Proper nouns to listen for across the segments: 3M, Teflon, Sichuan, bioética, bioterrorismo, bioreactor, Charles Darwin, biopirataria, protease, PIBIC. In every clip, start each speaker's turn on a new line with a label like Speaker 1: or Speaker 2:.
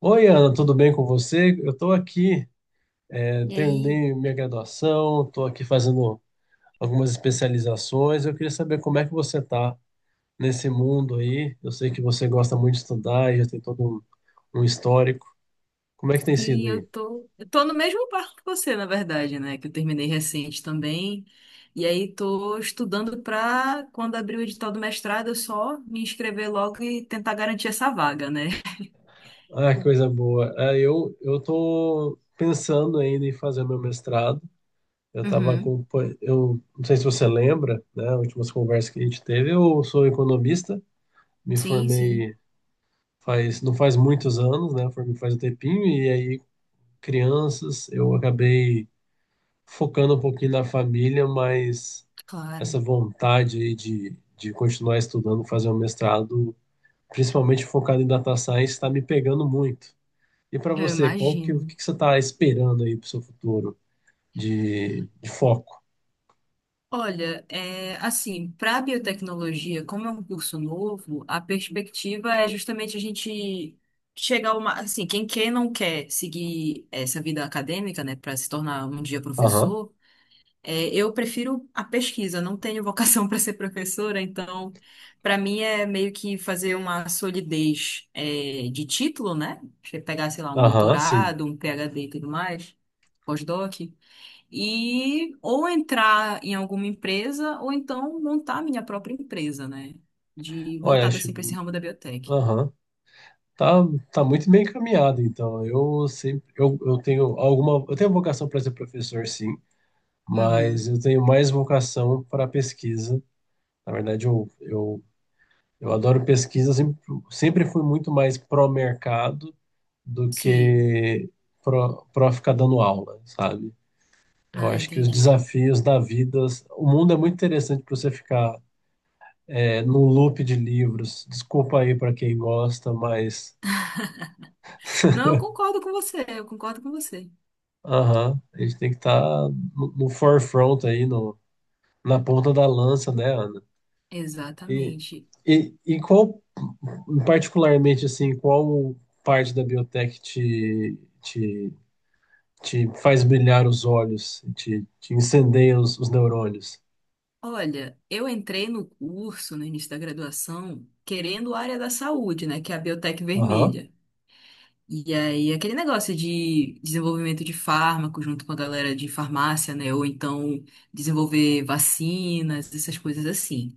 Speaker 1: Oi, Ana, tudo bem com você? Eu estou aqui,
Speaker 2: E aí,
Speaker 1: terminei minha graduação, estou aqui fazendo algumas especializações. Eu queria saber como é que você está nesse mundo aí. Eu sei que você gosta muito de estudar e já tem todo um histórico. Como é que tem sido
Speaker 2: sim, eu
Speaker 1: aí?
Speaker 2: tô, eu tô no mesmo barco que você, na verdade, né? Que eu terminei recente também. E aí tô estudando pra quando abrir o edital do mestrado, eu só me inscrever logo e tentar garantir essa vaga, né?
Speaker 1: Ah, que coisa boa. Ah, eu estou pensando ainda em fazer meu mestrado. Eu estava
Speaker 2: Uhum.
Speaker 1: com, eu não sei se você lembra, né? Últimas conversas que a gente teve. Eu sou economista, me
Speaker 2: Sim, sim,
Speaker 1: formei faz, não faz muitos anos, né? Foi, faz um tempinho, e aí crianças, eu acabei focando um pouquinho na família, mas
Speaker 2: claro.
Speaker 1: essa vontade aí de continuar estudando, fazer um mestrado, principalmente focado em data science, está me pegando muito. E para
Speaker 2: Eu
Speaker 1: você, qual que, o
Speaker 2: imagino.
Speaker 1: que que você está esperando aí para o seu futuro de foco?
Speaker 2: Olha, assim, para biotecnologia, como é um curso novo, a perspectiva é justamente a gente chegar uma, assim, quem quer não quer seguir essa vida acadêmica, né, para se tornar um dia
Speaker 1: Aham,
Speaker 2: professor, eu prefiro a pesquisa, não tenho vocação para ser professora, então para mim é meio que fazer uma solidez, de título, né? Você pegar, sei lá, um
Speaker 1: aham, sim.
Speaker 2: doutorado, um PhD e tudo mais, pós-doc e ou entrar em alguma empresa ou então montar minha própria empresa, né? De
Speaker 1: Olha,
Speaker 2: voltada
Speaker 1: acho,
Speaker 2: assim para esse ramo da biotech.
Speaker 1: aham. Tá, tá muito bem encaminhado, então. Eu sempre, eu tenho alguma, eu tenho vocação para ser professor, sim, mas
Speaker 2: Uhum.
Speaker 1: eu tenho mais vocação para pesquisa. Na verdade, eu adoro pesquisa, sempre fui muito mais pró-mercado do
Speaker 2: Sim.
Speaker 1: que pró ficar dando aula, sabe? Eu
Speaker 2: Ah,
Speaker 1: acho que os
Speaker 2: entendi.
Speaker 1: desafios da vida, o mundo é muito interessante para você ficar num loop de livros. Desculpa aí para quem gosta, mas
Speaker 2: Não, eu concordo com você, eu concordo com você.
Speaker 1: aham, a gente tem que estar no forefront aí, no, na ponta da lança, né, Ana? E,
Speaker 2: Exatamente.
Speaker 1: e qual, particularmente, assim, qual parte da biotech te faz brilhar os olhos, te incendeia os neurônios?
Speaker 2: Olha, eu entrei no curso, no início da graduação, querendo a área da saúde, né, que é a biotech
Speaker 1: Aham,
Speaker 2: vermelha. E aí, aquele negócio de desenvolvimento de fármaco junto com a galera de farmácia, né? Ou então desenvolver vacinas, essas coisas assim.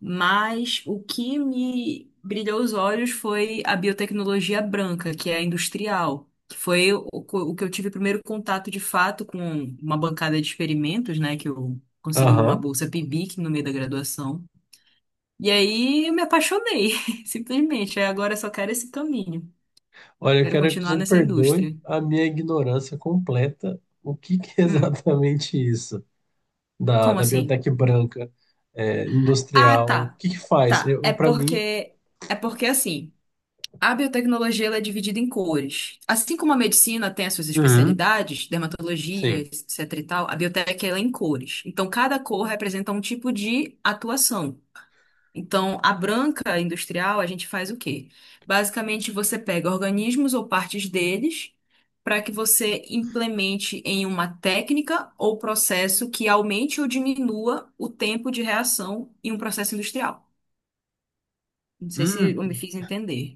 Speaker 2: Mas o que me brilhou os olhos foi a biotecnologia branca, que é a industrial, que foi o que eu tive primeiro contato de fato com uma bancada de experimentos, né? Que eu consegui uma
Speaker 1: aham.
Speaker 2: bolsa PIBIC no meio da graduação. E aí eu me apaixonei, simplesmente. Aí agora eu só quero esse caminho.
Speaker 1: Olha, eu
Speaker 2: Quero
Speaker 1: quero que
Speaker 2: continuar
Speaker 1: você me
Speaker 2: nessa
Speaker 1: perdoe
Speaker 2: indústria.
Speaker 1: a minha ignorância completa. O que que é
Speaker 2: Hum,
Speaker 1: exatamente isso da,
Speaker 2: como
Speaker 1: da
Speaker 2: assim?
Speaker 1: biotech branca, é,
Speaker 2: Ah,
Speaker 1: industrial? O
Speaker 2: tá.
Speaker 1: que que faz?
Speaker 2: Tá.
Speaker 1: Eu,
Speaker 2: É
Speaker 1: para mim
Speaker 2: porque é porque assim, a biotecnologia ela é dividida em cores. Assim como a medicina tem as suas
Speaker 1: uhum,
Speaker 2: especialidades, dermatologia,
Speaker 1: sim.
Speaker 2: etc. e tal, a biotec ela é em cores. Então cada cor representa um tipo de atuação. Então, a branca industrial, a gente faz o quê? Basicamente, você pega organismos ou partes deles para que você implemente em uma técnica ou processo que aumente ou diminua o tempo de reação em um processo industrial. Não sei se
Speaker 1: Hum.
Speaker 2: eu me fiz entender.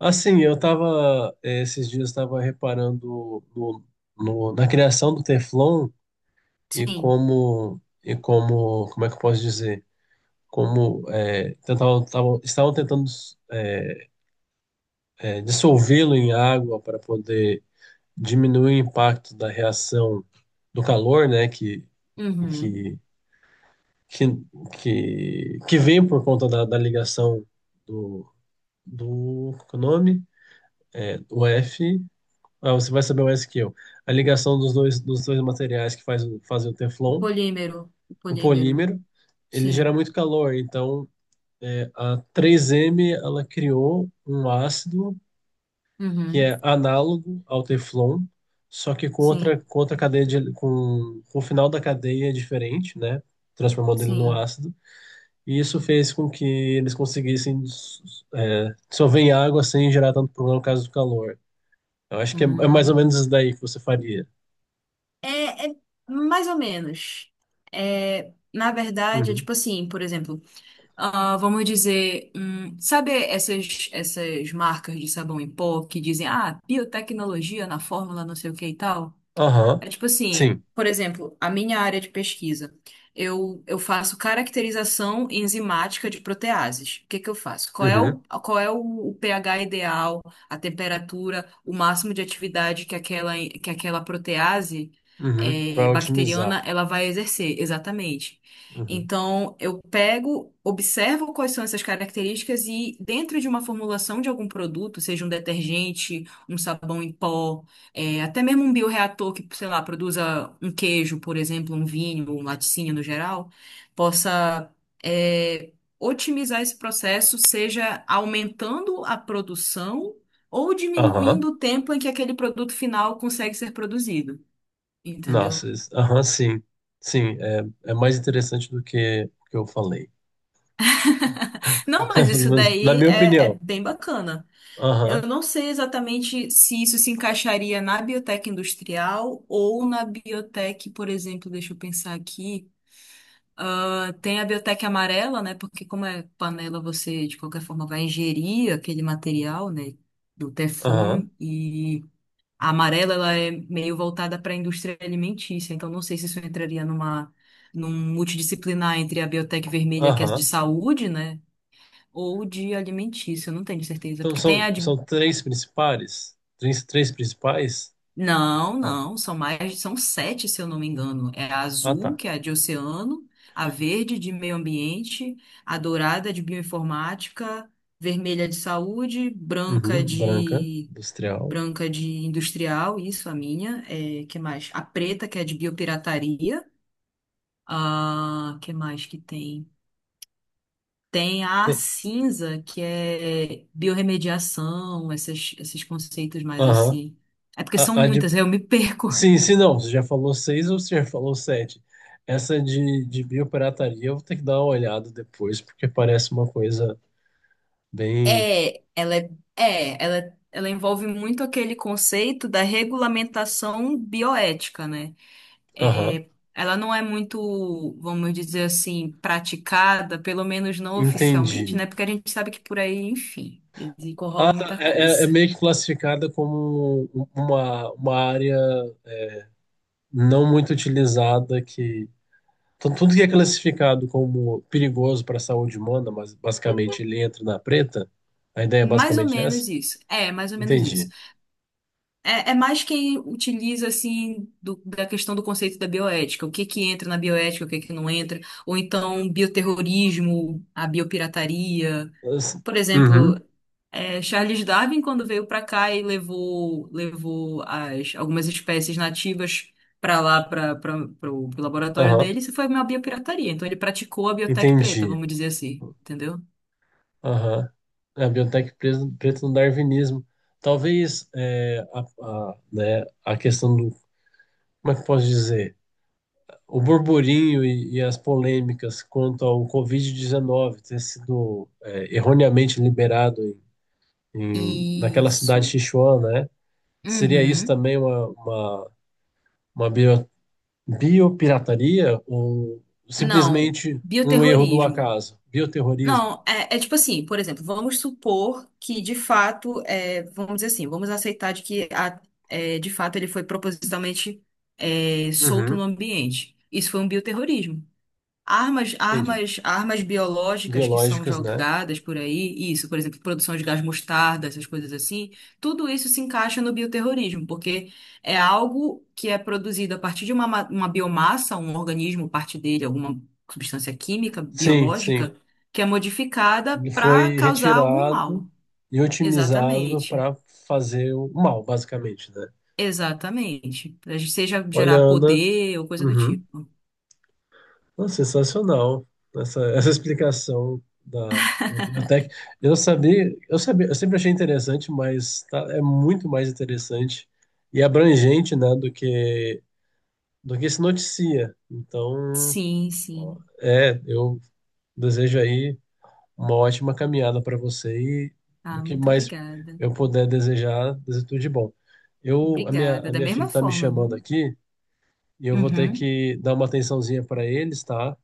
Speaker 1: Assim, eu tava, esses dias estava reparando na criação do Teflon e
Speaker 2: Sim.
Speaker 1: como é que eu posso dizer? Como tentavam, estavam tentando dissolvê-lo em água para poder diminuir o impacto da reação do calor, né,
Speaker 2: Uhum.
Speaker 1: que, que, que vem por conta da ligação do, do qual que é o nome? É, do F. Ah, você vai saber mais que eu. A ligação dos dois materiais que fazem o Teflon,
Speaker 2: O
Speaker 1: o
Speaker 2: polímero.
Speaker 1: polímero, ele
Speaker 2: Sim.
Speaker 1: gera muito calor. Então, é, a 3M ela criou um ácido que
Speaker 2: Uhum.
Speaker 1: é análogo ao Teflon, só que
Speaker 2: Sim.
Speaker 1: com outra cadeia de, com o final da cadeia diferente, né? Transformando ele num
Speaker 2: Sim.
Speaker 1: ácido. E isso fez com que eles conseguissem dissolver em água sem gerar tanto problema no caso do calor. Eu acho que é, é mais ou menos
Speaker 2: Hum.
Speaker 1: isso daí que você faria.
Speaker 2: É, é mais ou menos. Na verdade, é
Speaker 1: Uhum.
Speaker 2: tipo assim, por exemplo. Ah, vamos dizer, sabe essas marcas de sabão em pó que dizem, ah, biotecnologia na fórmula, não sei o que e tal?
Speaker 1: Aham.
Speaker 2: É tipo assim,
Speaker 1: Sim.
Speaker 2: por exemplo, a minha área de pesquisa. Eu faço caracterização enzimática de proteases. O que que eu faço?
Speaker 1: Uhum.
Speaker 2: O pH ideal, a temperatura, o máximo de atividade que que aquela protease
Speaker 1: Uhum. Para otimizar.
Speaker 2: bacteriana ela vai exercer, exatamente.
Speaker 1: Uhum.
Speaker 2: Então, eu pego, observo quais são essas características e, dentro de uma formulação de algum produto, seja um detergente, um sabão em pó, até mesmo um bioreator que, sei lá, produza um queijo, por exemplo, um vinho, um laticínio no geral, possa é, otimizar esse processo, seja aumentando a produção ou
Speaker 1: Aham.
Speaker 2: diminuindo o tempo em que aquele produto final consegue ser produzido, entendeu?
Speaker 1: Nossa, isso- aham, sim. Sim, é, é mais interessante do que eu falei.
Speaker 2: Não, mas
Speaker 1: Pelo
Speaker 2: isso
Speaker 1: menos na
Speaker 2: daí
Speaker 1: minha
Speaker 2: é
Speaker 1: opinião.
Speaker 2: bem bacana. Eu
Speaker 1: Aham.
Speaker 2: não sei exatamente se isso se encaixaria na biotech industrial ou na biotech, por exemplo, deixa eu pensar aqui. Tem a biotec amarela, né? Porque como é panela, você de qualquer forma vai ingerir aquele material, né? Do Teflon
Speaker 1: Aham.
Speaker 2: e a amarela ela é meio voltada para a indústria alimentícia. Então não sei se isso entraria numa num multidisciplinar entre a biotec vermelha que é de
Speaker 1: Aham.
Speaker 2: saúde, né? Ou de alimentícia, eu não tenho certeza,
Speaker 1: Então
Speaker 2: porque tem
Speaker 1: são,
Speaker 2: a de...
Speaker 1: são três principais? Três, três principais?
Speaker 2: Não, não, são mais, são sete, se eu não me engano. É a
Speaker 1: Ah,
Speaker 2: azul,
Speaker 1: tá.
Speaker 2: que é a de oceano, a verde de meio ambiente, a dourada de bioinformática, vermelha de saúde,
Speaker 1: Uhum. Branca, industrial.
Speaker 2: branca de industrial, isso a minha, é, que mais? A preta que é de biopirataria, a que mais que tem? Tem a
Speaker 1: E-
Speaker 2: cinza que é biorremediação, esses conceitos mais
Speaker 1: aham.
Speaker 2: assim. É porque são
Speaker 1: A de
Speaker 2: muitas, eu me perco.
Speaker 1: sim, sim, não. Você já falou seis ou você já falou sete? Essa de biopirataria eu vou ter que dar uma olhada depois, porque parece uma coisa bem.
Speaker 2: É, ela é, é, ela envolve muito aquele conceito da regulamentação bioética, né?
Speaker 1: Aham,
Speaker 2: É, ela não é muito, vamos dizer assim, praticada, pelo menos não oficialmente,
Speaker 1: entendi.
Speaker 2: né? Porque a gente sabe que por aí, enfim, rola muita
Speaker 1: É, é
Speaker 2: coisa.
Speaker 1: meio que classificada como um, uma área não muito utilizada que. Tudo que é classificado como perigoso para a saúde humana, mas basicamente ele entra na preta. A ideia é
Speaker 2: Mais ou
Speaker 1: basicamente essa?
Speaker 2: menos isso. É, mais ou menos isso.
Speaker 1: Entendi.
Speaker 2: É, é mais quem utiliza, assim, do- da questão do conceito da bioética. O que que entra na bioética, o que que não entra. Ou então, bioterrorismo, a biopirataria.
Speaker 1: As-
Speaker 2: Por exemplo,
Speaker 1: uhum,
Speaker 2: Charles Darwin, quando veio para cá e levou as, algumas espécies nativas para lá, para o laboratório
Speaker 1: aham,
Speaker 2: dele, isso foi uma biopirataria. Então, ele praticou a biotec preta,
Speaker 1: entendi.
Speaker 2: vamos dizer assim, entendeu?
Speaker 1: Aham. É, a biotech preta no darwinismo. Talvez é, a, né, a questão do, como é que eu posso dizer? O burburinho e as polêmicas quanto ao Covid-19 ter sido é, erroneamente liberado em, naquela cidade de
Speaker 2: Isso.
Speaker 1: Sichuan, né? Seria isso
Speaker 2: Uhum.
Speaker 1: também uma bio, biopirataria ou
Speaker 2: Não,
Speaker 1: simplesmente um erro do
Speaker 2: bioterrorismo.
Speaker 1: acaso? Bioterrorismo?
Speaker 2: Não, é tipo assim, por exemplo, vamos supor que de fato, vamos dizer assim, vamos aceitar de que a- de fato ele foi propositalmente solto no
Speaker 1: Uhum.
Speaker 2: ambiente. Isso foi um bioterrorismo.
Speaker 1: Entendi.
Speaker 2: Armas biológicas que são
Speaker 1: Biológicas, né?
Speaker 2: jogadas por aí, isso, por exemplo, produção de gás mostarda, essas coisas assim, tudo isso se encaixa no bioterrorismo, porque é algo que é produzido a partir de uma, ma- uma biomassa, um organismo, parte dele, alguma substância química,
Speaker 1: Sim, sim.
Speaker 2: biológica, que é modificada
Speaker 1: Ele foi
Speaker 2: para causar algum
Speaker 1: retirado
Speaker 2: mal.
Speaker 1: e otimizado
Speaker 2: Exatamente.
Speaker 1: para fazer o mal, basicamente, né?
Speaker 2: Exatamente. Seja
Speaker 1: Olha,
Speaker 2: gerar
Speaker 1: Ana,
Speaker 2: poder ou coisa do
Speaker 1: uhum.
Speaker 2: tipo.
Speaker 1: Nossa, sensacional essa explicação da biblioteca. Eu sempre achei interessante, mas é muito mais interessante e abrangente, né, do que se noticia. Então,
Speaker 2: Sim,
Speaker 1: ó,
Speaker 2: sim.
Speaker 1: é, eu desejo aí uma ótima caminhada para você e do
Speaker 2: Ah,
Speaker 1: que
Speaker 2: muito
Speaker 1: mais
Speaker 2: obrigada.
Speaker 1: eu puder desejar, desejo tudo de bom. Eu, a minha,
Speaker 2: Obrigada.
Speaker 1: a
Speaker 2: Da
Speaker 1: minha filha
Speaker 2: mesma
Speaker 1: está me
Speaker 2: forma,
Speaker 1: chamando
Speaker 2: viu?
Speaker 1: aqui e eu vou ter
Speaker 2: Uhum.
Speaker 1: que dar uma atençãozinha para eles, tá?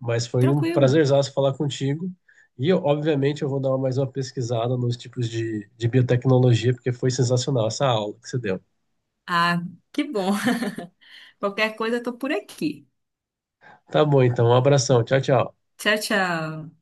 Speaker 1: Mas foi um
Speaker 2: Tranquilo.
Speaker 1: prazerzaço falar contigo. E, eu, obviamente, eu vou dar mais uma pesquisada nos tipos de biotecnologia, porque foi sensacional essa aula que você deu.
Speaker 2: Ah, que bom. Qualquer coisa, eu tô por aqui.
Speaker 1: Tá bom, então, um abração. Tchau, tchau.
Speaker 2: Tchau, tchau.